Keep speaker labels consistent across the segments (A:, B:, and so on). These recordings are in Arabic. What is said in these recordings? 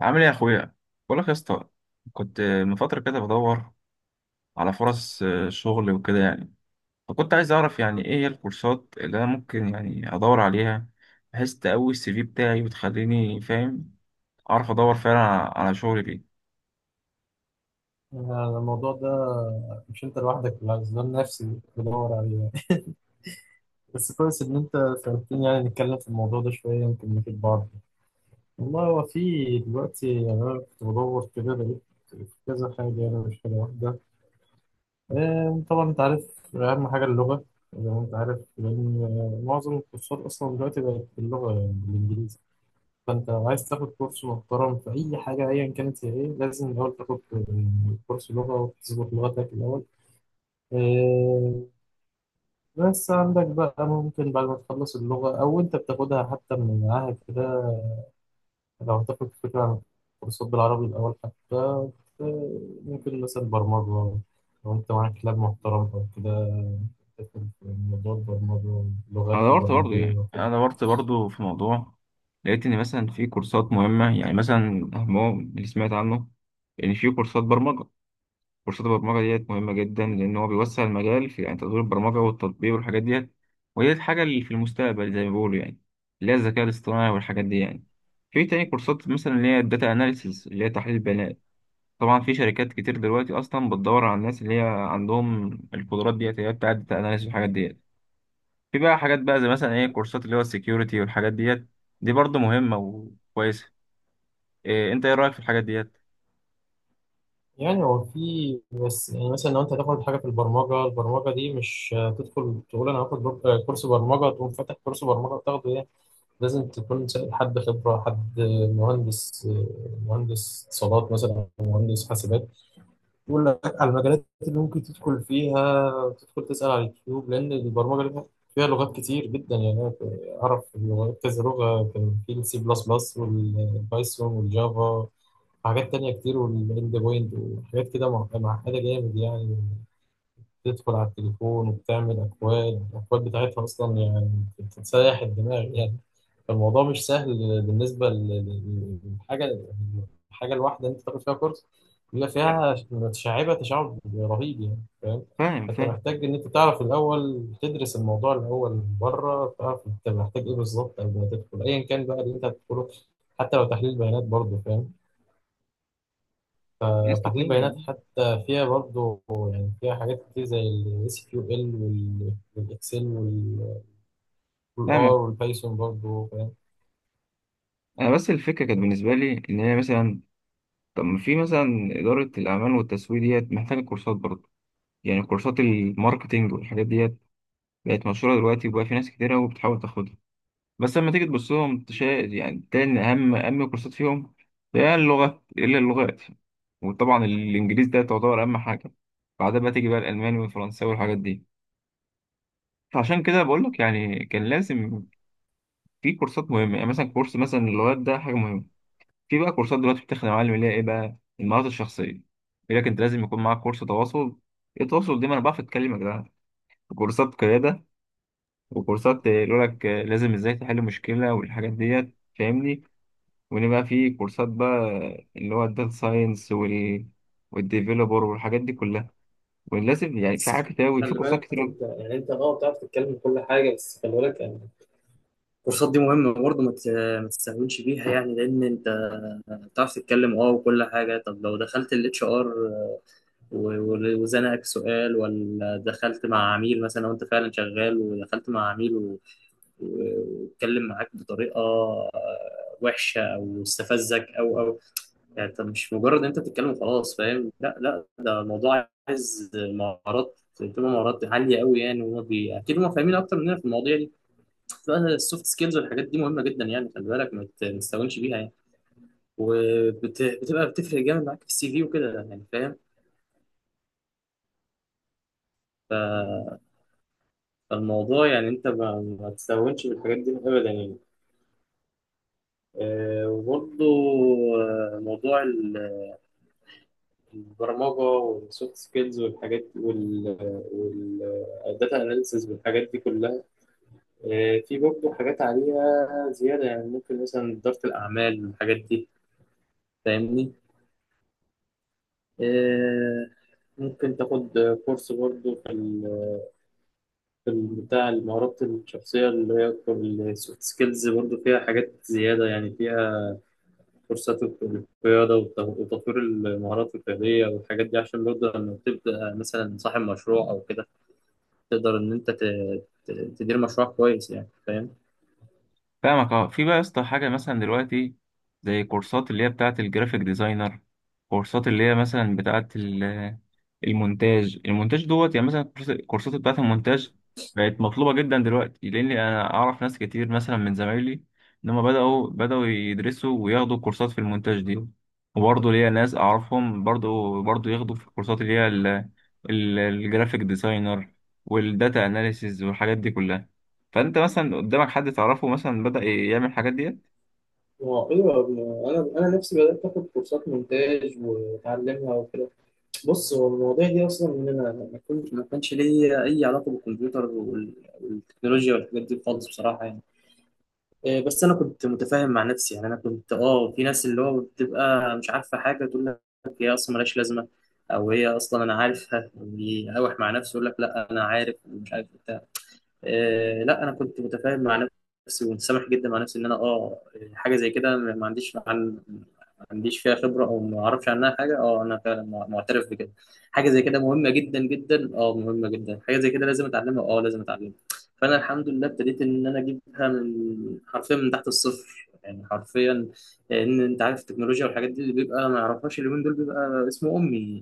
A: عامل ايه يا اخويا؟ بقول لك يا اسطى، كنت من فتره كده بدور على فرص شغل وكده يعني. فكنت عايز اعرف يعني ايه هي الكورسات اللي انا ممكن يعني ادور عليها، بحيث تقوي السي في بتاعي وتخليني فاهم اعرف ادور فعلا على شغل فيه.
B: أنا الموضوع ده مش أنت لوحدك اللي عايزين نفسي بدور عليه يعني. بس كويس إن أنت سألتني يعني نتكلم في الموضوع ده شوية يمكن نفيد بعض. والله هو في دلوقتي يعني أنا كنت بدور كده لقيت كذا حاجة يعني مش حاجة واحدة. طبعا أنت عارف أهم حاجة اللغة، زي ما أنت عارف، لأن معظم الكورسات أصلا دلوقتي بقت باللغة يعني بالإنجليزي. فأنت لو عايز تاخد كورس محترم في أي حاجة أيا كانت هي إيه لازم الأول تاخد كورس لغة وتظبط لغتك الأول. آه، بس عندك بقى ممكن بعد ما تخلص اللغة أو أنت بتاخدها حتى من معاهد كده، لو هتاخد فكرة عن كورسات بالعربي الأول حتى، ت- ممكن مثلا برمجة. لو أنت معاك لاب محترم أو كده تاخد موضوع البرمجة، اللغات البرمجية
A: انا
B: وكده.
A: دورت برضو في موضوع. لقيت ان مثلا في كورسات مهمه، يعني مثلا هو اللي سمعت عنه ان في كورسات برمجه. كورسات البرمجة ديت مهمة جدا، لأن هو بيوسع المجال في يعني تطوير البرمجة والتطبيق والحاجات ديت. وهي الحاجة اللي في المستقبل زي ما بيقولوا يعني، اللي هي الذكاء الاصطناعي والحاجات دي يعني. في تاني كورسات مثلا اللي هي الداتا أناليسيس، اللي هي تحليل البيانات. طبعا في شركات كتير دلوقتي أصلا بتدور على الناس اللي هي عندهم القدرات ديت، اللي هي بتاعة الداتا أناليسيس والحاجات ديت. في بقى حاجات بقى زي مثلا إيه كورسات اللي هو السكيورتي والحاجات ديت. دي برضه مهمة وكويسة. أنت إيه رأيك في الحاجات ديت؟
B: يعني هو في بس يعني مثلا لو أنت هتاخد حاجة في البرمجة، دي مش هتدخل تقول أنا هاخد كورس برمجة تقوم فاتح كورس برمجة وتاخده يعني. لازم تكون سائل حد خبرة، حد مهندس مهندس اتصالات مثلا أو مهندس حاسبات، يقول لك على المجالات اللي ممكن تدخل فيها. تدخل تسأل على اليوتيوب لأن البرمجة فيها لغات كتير جدا يعني. أنا كذا لغة، كان في السي بلس بلس والبايثون والجافا وحاجات تانية كتير، والإند بوينت وحاجات كده معقدة جامد يعني. تدخل على التليفون وبتعمل أكواد، الأكواد بتاعتها أصلا يعني بتسيح الدماغ يعني. فالموضوع مش سهل بالنسبة للحاجة، الواحدة أنت تاخد فيها كورس بيبقى فيها متشعبة تشعب رهيب يعني، فاهم؟
A: فاهم،
B: فأنت
A: فاهم
B: محتاج إن أنت تعرف الأول، تدرس الموضوع الأول من بره، تعرف أنت محتاج إيه بالظبط قبل ما تدخل أيا كان بقى اللي أنت هتدخله. حتى لو تحليل بيانات برضه فاهم،
A: يا اسطى.
B: فتحليل بيانات
A: فاهم،
B: حتى فيها برضه يعني فيها حاجات كتير زي ال SQL والإكسل
A: فاهم.
B: والآر والبايثون برضه فاهم.
A: انا بس الفكره كانت بالنسبه لي ان هي مثلا، طب ما في مثلا اداره الاعمال والتسويق ديت محتاجه كورسات برضه. يعني كورسات الماركتينج والحاجات ديت بقت مشهوره دلوقتي، وبقى في ناس كتيره وبتحاول تاخدها. بس لما تيجي تبص لهم يعني تاني اهم كورسات فيهم هي اللغه الا اللغات. وطبعا الانجليزي ده تعتبر اهم حاجه. بعدها بقى تيجي بقى الالماني والفرنساوي والحاجات دي. فعشان كده بقول لك يعني كان لازم في كورسات مهمه، يعني مثلا كورس مثلا اللغات ده حاجه مهمه. في بقى كورسات دلوقتي بتخدم معلم اللي هي ايه بقى المهارات الشخصيه. يقول لك انت لازم يكون معاك كورس تواصل. ايه التواصل ده، ما انا بعرف اتكلم يا جدعان. وكورسات قياده، وكورسات يقول لك لازم ازاي تحل مشكله والحاجات ديت فاهمني. وان بقى في كورسات بقى اللي هو الداتا ساينس والديفيلوبر والحاجات دي كلها. ولازم يعني في حاجات كتير أوي، في كورسات كتير.
B: يعني انت بتتكلم في كل حاجه، خلي بالك الكورسات دي مهمة برضه، ما تستهونش بيها يعني. لأن أنت بتعرف تتكلم أه وكل حاجة، طب لو دخلت ال HR وزنقك سؤال، ولا دخلت مع عميل مثلا لو أنت فعلا شغال، ودخلت مع عميل واتكلم معاك بطريقة وحشة أو استفزك أو يعني، أنت مش مجرد إن أنت بتتكلم وخلاص فاهم. لا ده الموضوع عايز مهارات، بتبقى مهارات عالية أوي يعني، وهما بي... أكيد هما فاهمين أكتر مننا في المواضيع دي بقى، السوفت سكيلز والحاجات دي مهمه جدا يعني. خلي بالك ما تستهونش بيها يعني، وبتبقى بتفرق جامد معاك في السي في وكده يعني فاهم. ف- فالموضوع يعني انت ما تستهونش بالحاجات دي ابدا يعني. وبرضه موضوع البرمجه والسوفت سكيلز والحاجات والداتا اناليسز والحاجات دي كلها، في برضه حاجات عليها زياده يعني، ممكن مثلا اداره الاعمال والحاجات دي فاهمني. آه، ممكن تاخد كورس برضه في بتاع المهارات الشخصية، اللي هي السوفت سكيلز، برضه فيها حاجات زيادة يعني، فيها كورسات القيادة وتطوير المهارات القيادية والحاجات دي، عشان برضه لما تبدأ مثلا صاحب مشروع أو كده تقدر إن أنت تدير مشروع كويس يعني، فاهم؟
A: فاهمك. اه، في بقى يا اسطى حاجه مثلا دلوقتي زي كورسات اللي هي بتاعه الجرافيك ديزاينر، كورسات اللي هي مثلا بتاعه ال- المونتاج المونتاج دوت يعني مثلا الكورسات بتاعه المونتاج بقت مطلوبه جدا دلوقتي، لان انا اعرف ناس كتير مثلا من زمايلي ان هم بداوا يدرسوا وياخدوا كورسات في المونتاج دي. وبرضه ليا ناس اعرفهم برضه ياخدوا في الكورسات اللي هي الجرافيك ديزاينر والداتا اناليسيز والحاجات دي كلها. فانت مثلا قدامك حد تعرفه مثلا بدأ يعمل الحاجات ديت؟
B: هو ايوه، انا نفسي بدات اخد كورسات مونتاج واتعلمها وكده. بص هو المواضيع دي اصلا ان انا ما كانش ليا اي علاقه بالكمبيوتر والتكنولوجيا والحاجات دي خالص بصراحه يعني. بس انا كنت متفاهم مع نفسي يعني، انا كنت اه في ناس اللي هو بتبقى مش عارفه حاجه تقول لك هي اصلا ملهاش لازمه، او هي اصلا انا عارفها، يقاوح مع نفسه يقول لك لا انا عارف مش عارف بتاع. آه لا انا كنت متفاهم مع نفسي ومتسامح جدا مع نفسي ان انا اه حاجه زي كده ما عنديش ما عنديش فيها خبره او ما اعرفش عنها حاجه، اه انا فعلا معترف بكده. حاجه زي كده مهمه جدا، اه مهمه جدا، حاجه زي كده لازم اتعلمها، اه لازم اتعلمها. فانا الحمد لله ابتديت ان انا اجيبها من، حرفيا من تحت الصفر يعني حرفيا، لان انت عارف التكنولوجيا والحاجات دي اللي بيبقى ما يعرفهاش اليومين دول بيبقى اسمه امي،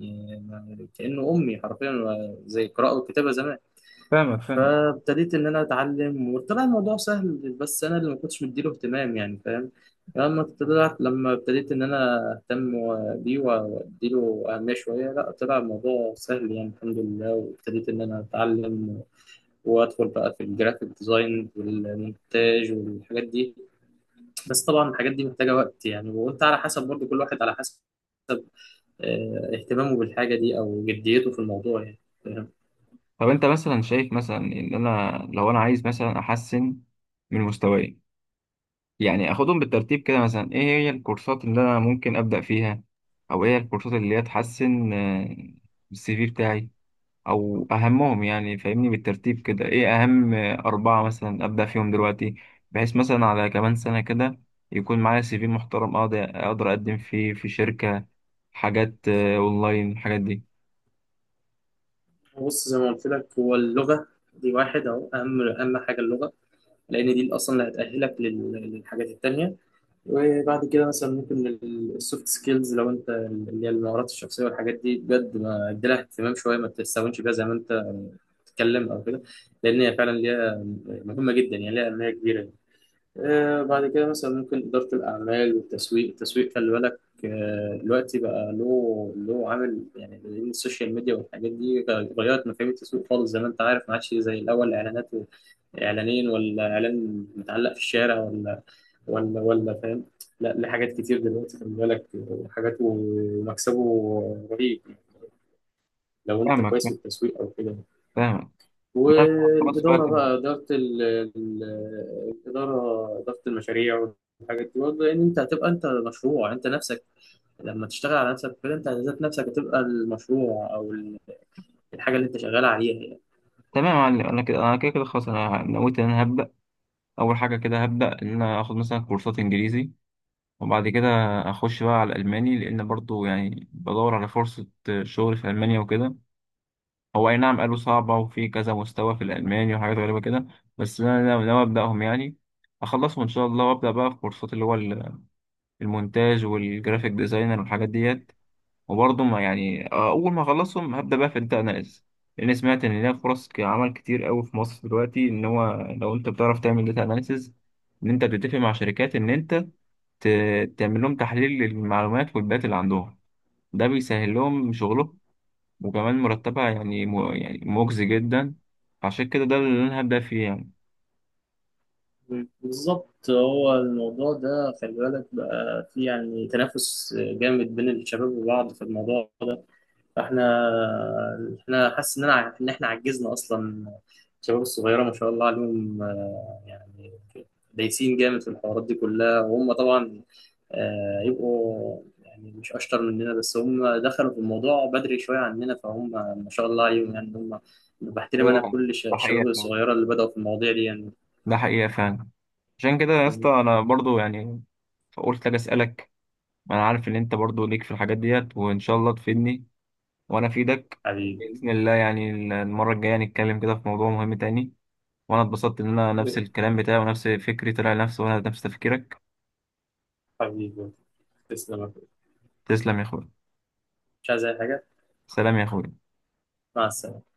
B: يعني كانه امي حرفيا، زي القراءه والكتابه زمان.
A: فاهمك، فاهمك.
B: فابتديت ان انا اتعلم وطلع الموضوع سهل، بس انا اللي ما كنتش مديله اهتمام يعني فاهم. لما طلعت، لما ابتديت ان انا اهتم بيه واديله اهميه شويه، لا طلع الموضوع سهل يعني الحمد لله، وابتديت ان انا اتعلم وادخل بقى في الجرافيك ديزاين والمونتاج والحاجات دي. بس طبعا الحاجات دي محتاجه وقت يعني، وانت على حسب برضه، كل واحد على حسب اهتمامه بالحاجه دي او جديته في الموضوع يعني.
A: طب انت مثلا شايف مثلا ان انا لو انا عايز مثلا احسن من مستواي، يعني اخدهم بالترتيب كده. مثلا ايه هي الكورسات اللي انا ممكن ابدأ فيها؟ او ايه الكورسات اللي هي تحسن السي في بتاعي، او اهمهم يعني؟ فاهمني بالترتيب كده ايه اهم اربعه مثلا ابدا فيهم دلوقتي، بحيث مثلا على كمان سنه كده يكون معايا سي في محترم اقدر اقدم فيه في شركه، حاجات اونلاين الحاجات دي.
B: بص زي ما قلت لك، هو اللغة دي واحد أهو، أهم حاجة اللغة، لأن دي اللي أصلا اللي هتأهلك للحاجات التانية. وبعد كده مثلا ممكن السوفت سكيلز، لو أنت اللي هي المهارات الشخصية والحاجات دي بجد ما اديلها اهتمام شوية ما تستهونش بيها، زي ما أنت بتتكلم أو كده، لأن هي فعلا ليها، مهمة جدا يعني، ليها أهمية كبيرة. بعد كده مثلا ممكن إدارة الأعمال والتسويق، خلي بالك دلوقتي بقى له عامل يعني، لأن السوشيال ميديا والحاجات دي غيرت مفاهيم التسويق خالص زي ما أنت عارف. ما عادش زي الأول إعلانات، إعلانين، ولا إعلان متعلق في الشارع ولا ولا فاهم. لا ليه حاجات كتير دلوقتي خلي بالك، وحاجات ومكسبه رهيب لو أنت كويس في
A: فاهمك،
B: التسويق أو كده.
A: فاهمك. ما انا بقى خلاص بقى
B: والإدارة
A: كده.
B: بقى، إدارة الإدارة، إدارة المشاريع والحاجات دي برضه، لأن أنت هتبقى أنت مشروع، أنت نفسك لما تشتغل على نفسك كده، أنت ذات نفسك هتبقى المشروع أو الحاجة اللي أنت شغال عليها يعني.
A: تمام يا معلم. انا كده كده خلاص، انا نويت ان انا هبدا. اول حاجه كده هبدا ان انا اخد مثلا كورسات انجليزي، وبعد كده اخش بقى على الالماني، لان برضو يعني بدور على فرصه شغل في المانيا وكده. هو أي نعم قالوا صعبة وفي كذا مستوى في الألماني وحاجات غريبة كده، بس أنا ناوي ناوي أبدأهم يعني. أخلصهم إن شاء الله وأبدأ بقى في كورسات اللي هو المونتاج والجرافيك ديزاينر والحاجات ديت. وبرضه ما يعني أول ما أخلصهم هبدأ بقى في الداتا أناليز، لأن سمعت إن ليها فرص عمل كتير أوي في مصر دلوقتي. إن هو لو أنت بتعرف تعمل داتا أناليسز، إن أنت بتتفق مع شركات إن أنت تعمل لهم تحليل للمعلومات والبيانات اللي عندهم. ده بيسهل لهم شغلهم، وكمان مرتبها يعني يعني مجزي جدا. عشان كده ده اللي أنا هبدأ فيه يعني.
B: بالظبط، هو الموضوع ده خلي بالك بقى في يعني تنافس جامد بين الشباب وبعض في الموضوع ده. فاحنا احنا حاسس ان انا ان احنا عجزنا اصلا، الشباب الصغيره ما شاء الله عليهم، يعني دايسين جامد في الحوارات دي كلها. وهم طبعا يبقوا يعني مش اشطر مننا بس هم دخلوا في الموضوع بدري شويه عننا، فهم ما شاء الله عليهم يعني. هم بحترم
A: هو
B: انا
A: ده.
B: كل
A: ده
B: الشباب
A: حقيقة فعلا،
B: الصغيره اللي بداوا في المواضيع دي يعني.
A: ده حقيقة فعلا. عشان كده يا اسطى أنا برضو يعني قلت أجي أسألك. أنا عارف إن أنت برضو ليك في الحاجات ديت وإن شاء الله تفيدني وأنا أفيدك
B: حبيبي.
A: بإذن الله يعني. المرة الجاية نتكلم كده في موضوع مهم تاني. وأنا اتبسطت إن أنا نفس الكلام بتاعي ونفس فكري طلع نفسي وأنا نفس تفكيرك.
B: حبيبي، تسلم.
A: تسلم يا أخويا.
B: مش عايز اي حاجه.
A: سلام يا أخويا.
B: مع السلامه.